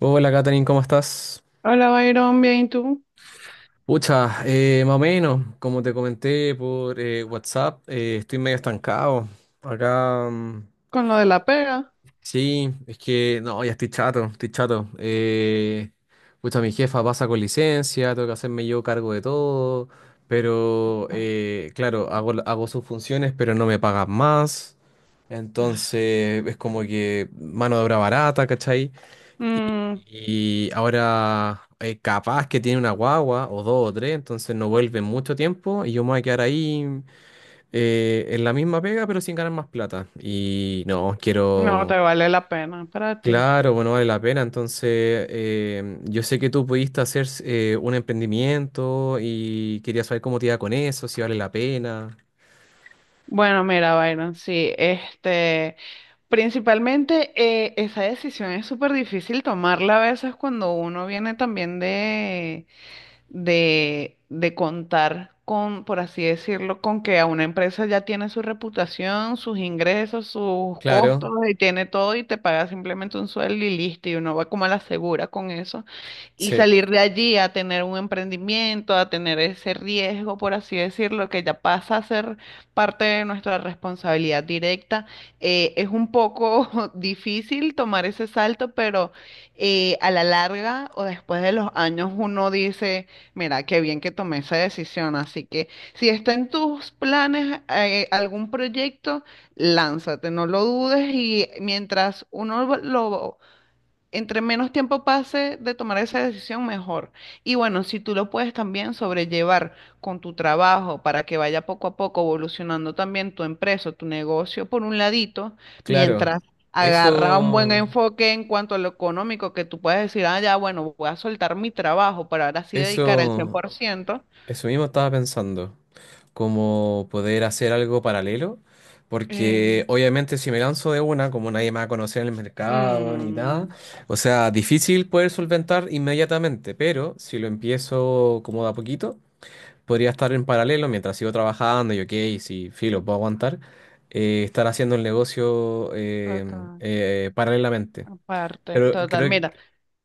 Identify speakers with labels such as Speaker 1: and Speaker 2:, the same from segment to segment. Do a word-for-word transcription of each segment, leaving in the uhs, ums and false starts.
Speaker 1: Hola Katherine, ¿cómo estás?
Speaker 2: Hola, Byron, bien, ¿y tú?
Speaker 1: Pucha, eh, más o menos, como te comenté por eh, WhatsApp, eh, estoy medio estancado. Acá, mm,
Speaker 2: Con lo de la pega.
Speaker 1: sí, es que no, ya estoy chato, estoy chato. Eh, pucha, mi jefa pasa con licencia, tengo que hacerme yo cargo de todo, pero eh, claro, hago, hago sus funciones, pero no me pagan más.
Speaker 2: Ah,
Speaker 1: Entonces, es como que mano de obra barata, ¿cachai?
Speaker 2: mm,
Speaker 1: Y ahora, eh, capaz que tiene una guagua, o dos o tres, entonces no vuelve en mucho tiempo y yo me voy a quedar ahí eh, en la misma pega, pero sin ganar más plata. Y no,
Speaker 2: no
Speaker 1: quiero.
Speaker 2: te vale la pena para ti.
Speaker 1: Claro, bueno, vale la pena. Entonces, eh, yo sé que tú pudiste hacer eh, un emprendimiento y quería saber cómo te iba con eso, si vale la pena.
Speaker 2: Bueno, mira, Byron, sí, este, principalmente eh, esa decisión es súper difícil tomarla a veces cuando uno viene también de, de contar con, por así decirlo, con que a una empresa ya tiene su reputación, sus ingresos, sus costos
Speaker 1: Claro,
Speaker 2: y tiene todo y te paga simplemente un sueldo y listo y uno va como a la segura con eso y
Speaker 1: sí,
Speaker 2: salir de allí a tener un emprendimiento, a tener ese riesgo, por así decirlo, que ya pasa a ser parte de nuestra responsabilidad directa. Eh, es un poco difícil tomar ese salto, pero eh, a la larga o después de los años uno dice, mira, qué bien que tomé esa decisión. Así que si está en tus planes eh, algún proyecto, lánzate, no lo dudes y mientras uno lo entre menos tiempo pase de tomar esa decisión, mejor. Y bueno, si tú lo puedes también sobrellevar con tu trabajo para que vaya poco a poco evolucionando también tu empresa, tu negocio por un ladito,
Speaker 1: claro.
Speaker 2: mientras agarra un buen
Speaker 1: Eso,
Speaker 2: enfoque en cuanto a lo económico, que tú puedes decir, ah, ya, bueno, voy a soltar mi trabajo para ahora sí dedicar el
Speaker 1: eso,
Speaker 2: cien por ciento.
Speaker 1: eso mismo estaba pensando. Como poder hacer algo paralelo, porque
Speaker 2: Eh,
Speaker 1: obviamente si me lanzo de una, como nadie me va a conocer en el mercado ni nada,
Speaker 2: mm,
Speaker 1: o sea, difícil poder solventar inmediatamente, pero si lo empiezo como de a poquito, podría estar en paralelo mientras sigo trabajando y ok, si filo, puedo aguantar, eh, estar haciendo el negocio eh,
Speaker 2: total-
Speaker 1: eh, paralelamente.
Speaker 2: Aparte,
Speaker 1: Pero
Speaker 2: total,
Speaker 1: creo que,
Speaker 2: mira,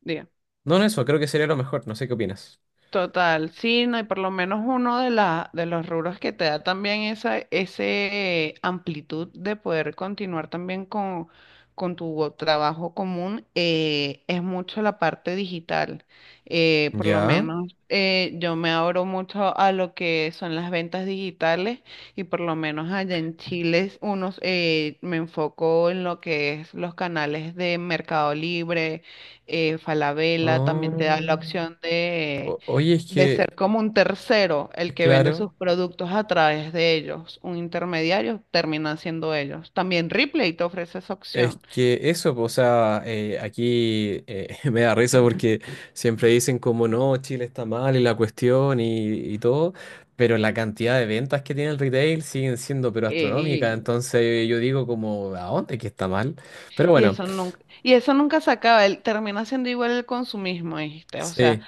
Speaker 2: diga.
Speaker 1: no, no eso, creo que sería lo mejor, no sé qué opinas.
Speaker 2: Total, sí, no, y por lo menos uno de, la, de los rubros que te da también esa ese amplitud de poder continuar también con, con tu trabajo común eh, es mucho la parte digital. Eh, por lo
Speaker 1: Ya.
Speaker 2: menos eh, yo me abro mucho a lo que son las ventas digitales y por lo menos allá en Chile unos, eh, me enfoco en lo que es los canales de Mercado Libre, eh, Falabella, también te da la
Speaker 1: Ah.
Speaker 2: opción de
Speaker 1: O- oye, es
Speaker 2: de
Speaker 1: que,
Speaker 2: ser como un tercero el que vende
Speaker 1: claro.
Speaker 2: sus productos a través de ellos, un intermediario, terminan siendo ellos. También Ripley te ofrece esa
Speaker 1: Es
Speaker 2: opción.
Speaker 1: que eso, po, o sea, eh, aquí eh, me da risa porque siempre dicen como no, Chile está mal y la cuestión y, y todo, pero la cantidad de ventas que tiene el retail siguen siendo pero astronómicas,
Speaker 2: Eh, Y,
Speaker 1: entonces yo digo como, ¿a dónde que está mal? Pero
Speaker 2: y
Speaker 1: bueno,
Speaker 2: eso nunca, y eso nunca se acaba, el termina siendo igual el consumismo, ¿viste? O sea,
Speaker 1: sí,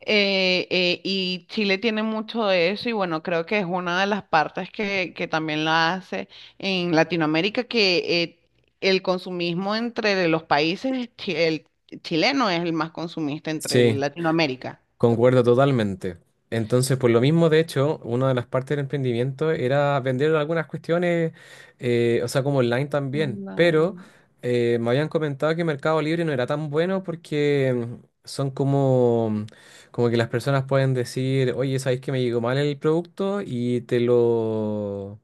Speaker 2: eh, eh, y Chile tiene mucho de eso y bueno, creo que es una de las partes que, que también la hace en Latinoamérica, que eh, el consumismo entre los países, chi- el chileno es el más consumista entre
Speaker 1: sí.
Speaker 2: Latinoamérica.
Speaker 1: Concuerdo totalmente. Entonces, por lo mismo, de hecho, una de las partes del emprendimiento era vender algunas cuestiones, eh, o sea, como online también,
Speaker 2: No,
Speaker 1: pero eh, me habían comentado que Mercado Libre no era tan bueno porque mm, son como, como que las personas pueden decir, oye, ¿sabéis que me llegó mal el producto? Y te lo...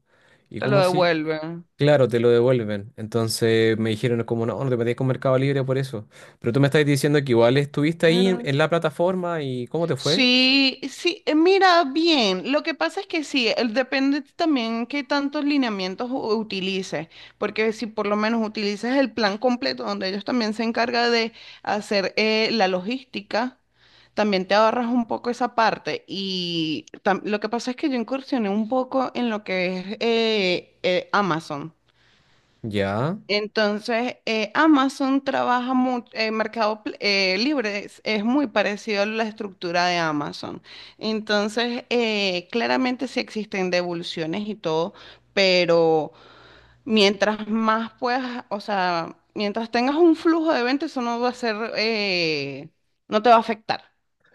Speaker 1: ¿Y
Speaker 2: te lo
Speaker 1: cómo así?
Speaker 2: devuelven.
Speaker 1: Claro, te lo devuelven. Entonces me dijeron como, no, no te metías con Mercado Libre por eso. Pero tú me estás diciendo que igual estuviste ahí en,
Speaker 2: Mira.
Speaker 1: en la plataforma y ¿cómo te fue?
Speaker 2: Sí, sí, eh, mira, bien. Lo que pasa es que sí, el- depende también qué tantos lineamientos u- utilices, porque si por lo menos utilizas el plan completo, donde ellos también se encargan de hacer eh, la logística, también te ahorras un poco esa parte. Y tam- lo que pasa es que yo incursioné un poco en lo que es eh, eh, Amazon.
Speaker 1: Ya.
Speaker 2: Entonces, eh, Amazon trabaja mucho, eh, Mercado Pl- eh, Libre es, es muy parecido a la estructura de Amazon. Entonces, eh, claramente sí existen devoluciones y todo, pero mientras más puedas, o sea, mientras tengas un flujo de ventas, eso no va a ser, eh, no te va a afectar.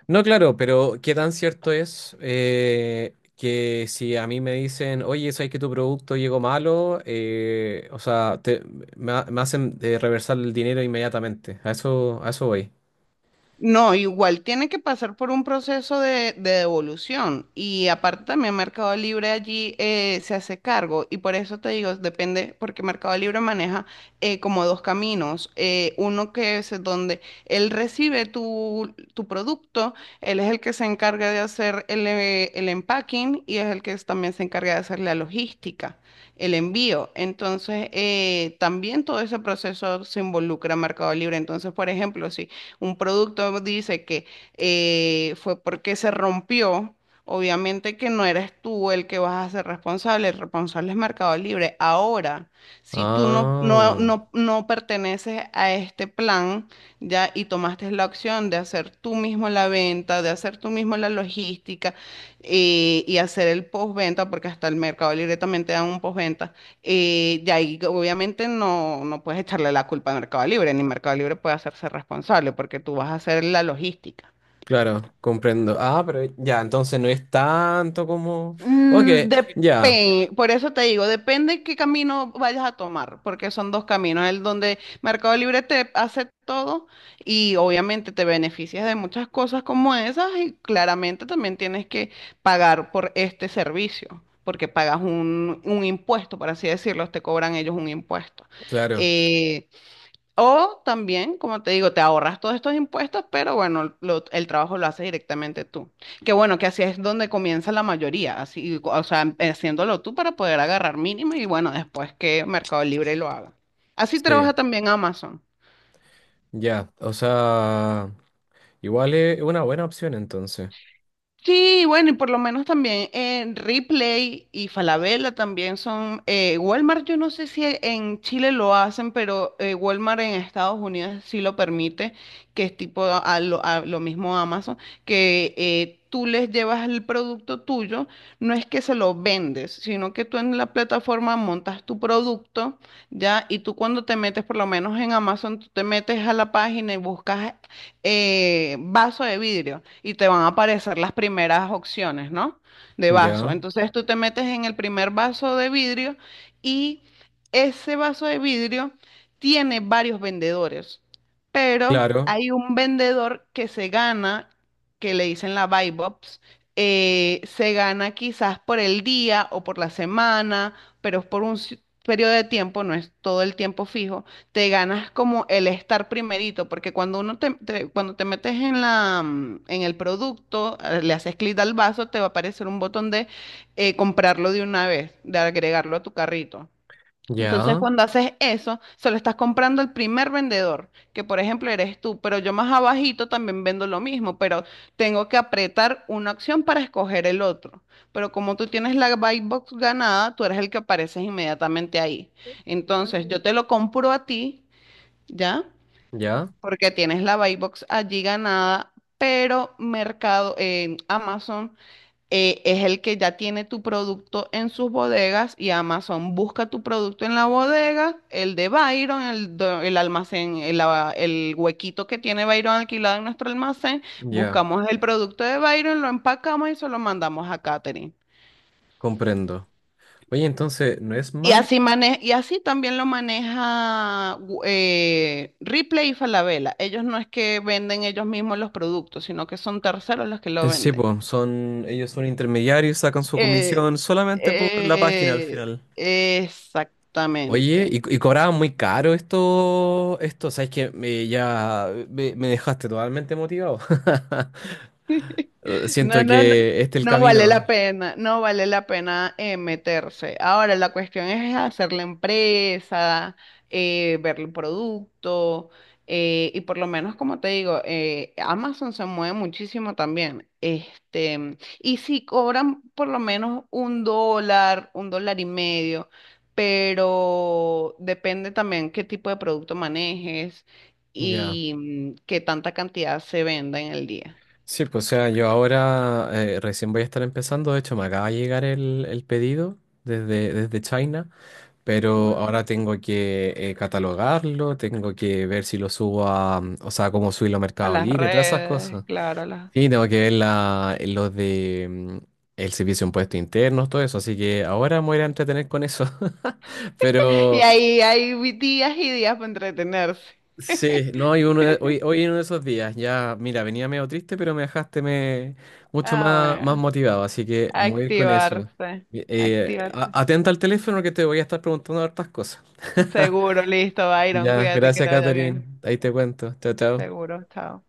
Speaker 1: No, claro, pero ¿qué tan cierto es eh, que si a mí me dicen, oye, ¿sabes que tu producto llegó malo? eh, o sea, te- me, ha- me hacen eh, reversar el dinero inmediatamente. A eso, a eso voy.
Speaker 2: No, igual tiene que pasar por un proceso de, de devolución y aparte también Mercado Libre allí eh, se hace cargo y por eso te digo, depende, porque Mercado Libre maneja eh, como dos caminos, eh, uno que es donde él recibe tu, tu producto, él es el que se encarga de hacer el, eh, el empacking y es el que es- también se encarga de hacer la logística, el envío, entonces eh, también todo ese proceso se involucra en Mercado Libre, entonces por ejemplo, si un producto dice que eh, fue porque se rompió, obviamente que no eres tú el que vas a ser responsable, el responsable es Mercado Libre. Ahora, si tú no, no,
Speaker 1: Ah,
Speaker 2: no, no perteneces a este plan, ya, y tomaste la opción de hacer tú mismo la venta, de hacer tú mismo la logística eh, y hacer el postventa, porque hasta el Mercado Libre también te dan un postventa y de ahí, obviamente, no, no puedes echarle la culpa a Mercado Libre, ni Mercado Libre puede hacerse responsable porque tú vas a hacer la logística.
Speaker 1: claro, comprendo. Ah, pero ya, entonces no es tanto como... Ok.
Speaker 2: Mm, depe-
Speaker 1: Ya,
Speaker 2: por eso te digo, depende qué camino vayas a tomar, porque son dos caminos, el donde Mercado Libre te hace todo y obviamente te beneficias de muchas cosas como esas y claramente también tienes que pagar por este servicio, porque pagas un, un impuesto, por así decirlo, te cobran ellos un impuesto.
Speaker 1: claro,
Speaker 2: Eh, O también, como te digo, te ahorras todos estos impuestos, pero bueno, lo- el trabajo lo haces directamente tú. Que bueno, que así es donde comienza la mayoría, así, o sea, em- haciéndolo tú para poder agarrar mínimo y bueno, después que Mercado Libre lo haga. Así
Speaker 1: sí,
Speaker 2: trabaja también Amazon.
Speaker 1: ya. O sea, igual es una buena opción entonces.
Speaker 2: Sí, bueno, y por lo menos también en Ripley y Falabella también son, eh, Walmart, yo no sé si en Chile lo hacen, pero eh, Walmart en Estados Unidos sí lo permite, que es tipo a lo, a lo mismo Amazon, que eh, tú les llevas el producto tuyo, no es que se lo vendes, sino que tú en la plataforma montas tu producto, ¿ya? Y tú cuando te metes, por lo menos en Amazon, tú te metes a la página y buscas eh, vaso de vidrio y te van a aparecer las primeras opciones, ¿no? De vaso.
Speaker 1: Ya,
Speaker 2: Entonces tú te metes en el primer vaso de vidrio y ese vaso de vidrio tiene varios vendedores, pero
Speaker 1: claro,
Speaker 2: hay un vendedor que se gana, que le dicen la buy box, eh, se gana quizás por el día o por la semana, pero es por un ci- periodo de tiempo, no es todo el tiempo fijo te ganas como el estar primerito, porque cuando uno te, te- cuando te metes en la, mm, en el producto, eh, le haces clic al vaso, te va a aparecer un botón de eh, comprarlo de una vez, de agregarlo a tu carrito. Entonces,
Speaker 1: ya,
Speaker 2: cuando haces eso, se lo estás comprando al primer vendedor, que por ejemplo eres tú, pero yo más abajito también vendo lo mismo, pero tengo que apretar una opción para escoger el otro. Pero como tú tienes la buy box ganada, tú eres el que apareces inmediatamente ahí. Entonces, yo te lo compro a ti ¿ya?
Speaker 1: ya,
Speaker 2: Porque tienes la buy box allí ganada, pero Mercado, en Amazon eh, es el que ya tiene tu producto en sus bodegas y Amazon busca tu producto en la bodega, el de Byron, el, do- el almacén, el, a- el huequito que tiene Byron alquilado en nuestro almacén,
Speaker 1: ya,
Speaker 2: buscamos el producto de Byron, lo empacamos y se lo mandamos a Catering.
Speaker 1: comprendo. Oye, entonces, ¿no es
Speaker 2: Y
Speaker 1: malo?
Speaker 2: así, mane- y así también lo maneja gu- eh, Ripley y Falabella. Ellos no es que venden ellos mismos los productos, sino que son terceros los que lo
Speaker 1: Eh, sí,
Speaker 2: venden.
Speaker 1: pues, son, ellos son intermediarios, sacan su
Speaker 2: Eh,
Speaker 1: comisión solamente por la página al
Speaker 2: eh,
Speaker 1: final. Oye, y,
Speaker 2: exactamente.
Speaker 1: y cobraban muy caro esto, esto, sabes que me, ya eh, me, me dejaste totalmente motivado. Eh,
Speaker 2: No,
Speaker 1: Siento
Speaker 2: no, no,
Speaker 1: que este es el
Speaker 2: no vale
Speaker 1: camino.
Speaker 2: la pena, no vale la pena eh, meterse. Ahora, la cuestión es hacer la empresa, eh, ver el producto, eh, y por lo menos, como te digo, eh, Amazon se mueve muchísimo también. Este, y si cobran por lo menos un dólar, un dólar y medio, pero depende también qué tipo de producto manejes
Speaker 1: Ya.
Speaker 2: y mm, qué tanta cantidad se venda en el día.
Speaker 1: Sí, pues o sea, yo ahora eh, recién voy a estar empezando, de hecho me acaba de llegar el, el pedido desde, desde China,
Speaker 2: Qué
Speaker 1: pero
Speaker 2: bueno.
Speaker 1: ahora tengo que eh, catalogarlo, tengo que ver si lo subo a, mm, o sea, cómo subirlo a
Speaker 2: A
Speaker 1: Mercado
Speaker 2: las
Speaker 1: Libre, todas esas
Speaker 2: redes,
Speaker 1: cosas.
Speaker 2: claro. a las-
Speaker 1: Y tengo que ver la, eh, los de mm, el servicio de impuestos internos, todo eso, así que ahora me voy a ir a entretener con eso.
Speaker 2: Y
Speaker 1: Pero,
Speaker 2: ahí hay vi- días y días para entretenerse.
Speaker 1: sí, no, hoy, uno de- hoy, hoy en uno de esos días, ya, mira, venía medio triste, pero me dejaste me, mucho
Speaker 2: Ah,
Speaker 1: más, más
Speaker 2: bueno.
Speaker 1: motivado, así que voy a ir con eso.
Speaker 2: Activarse.
Speaker 1: Eh,
Speaker 2: Activarte.
Speaker 1: a- atenta al teléfono que te voy a estar preguntando hartas cosas.
Speaker 2: Seguro, listo, Byron.
Speaker 1: Ya,
Speaker 2: Cuídate que
Speaker 1: gracias,
Speaker 2: te vaya
Speaker 1: Catherine.
Speaker 2: bien.
Speaker 1: Ahí te cuento. Chao, chao.
Speaker 2: Seguro, chao.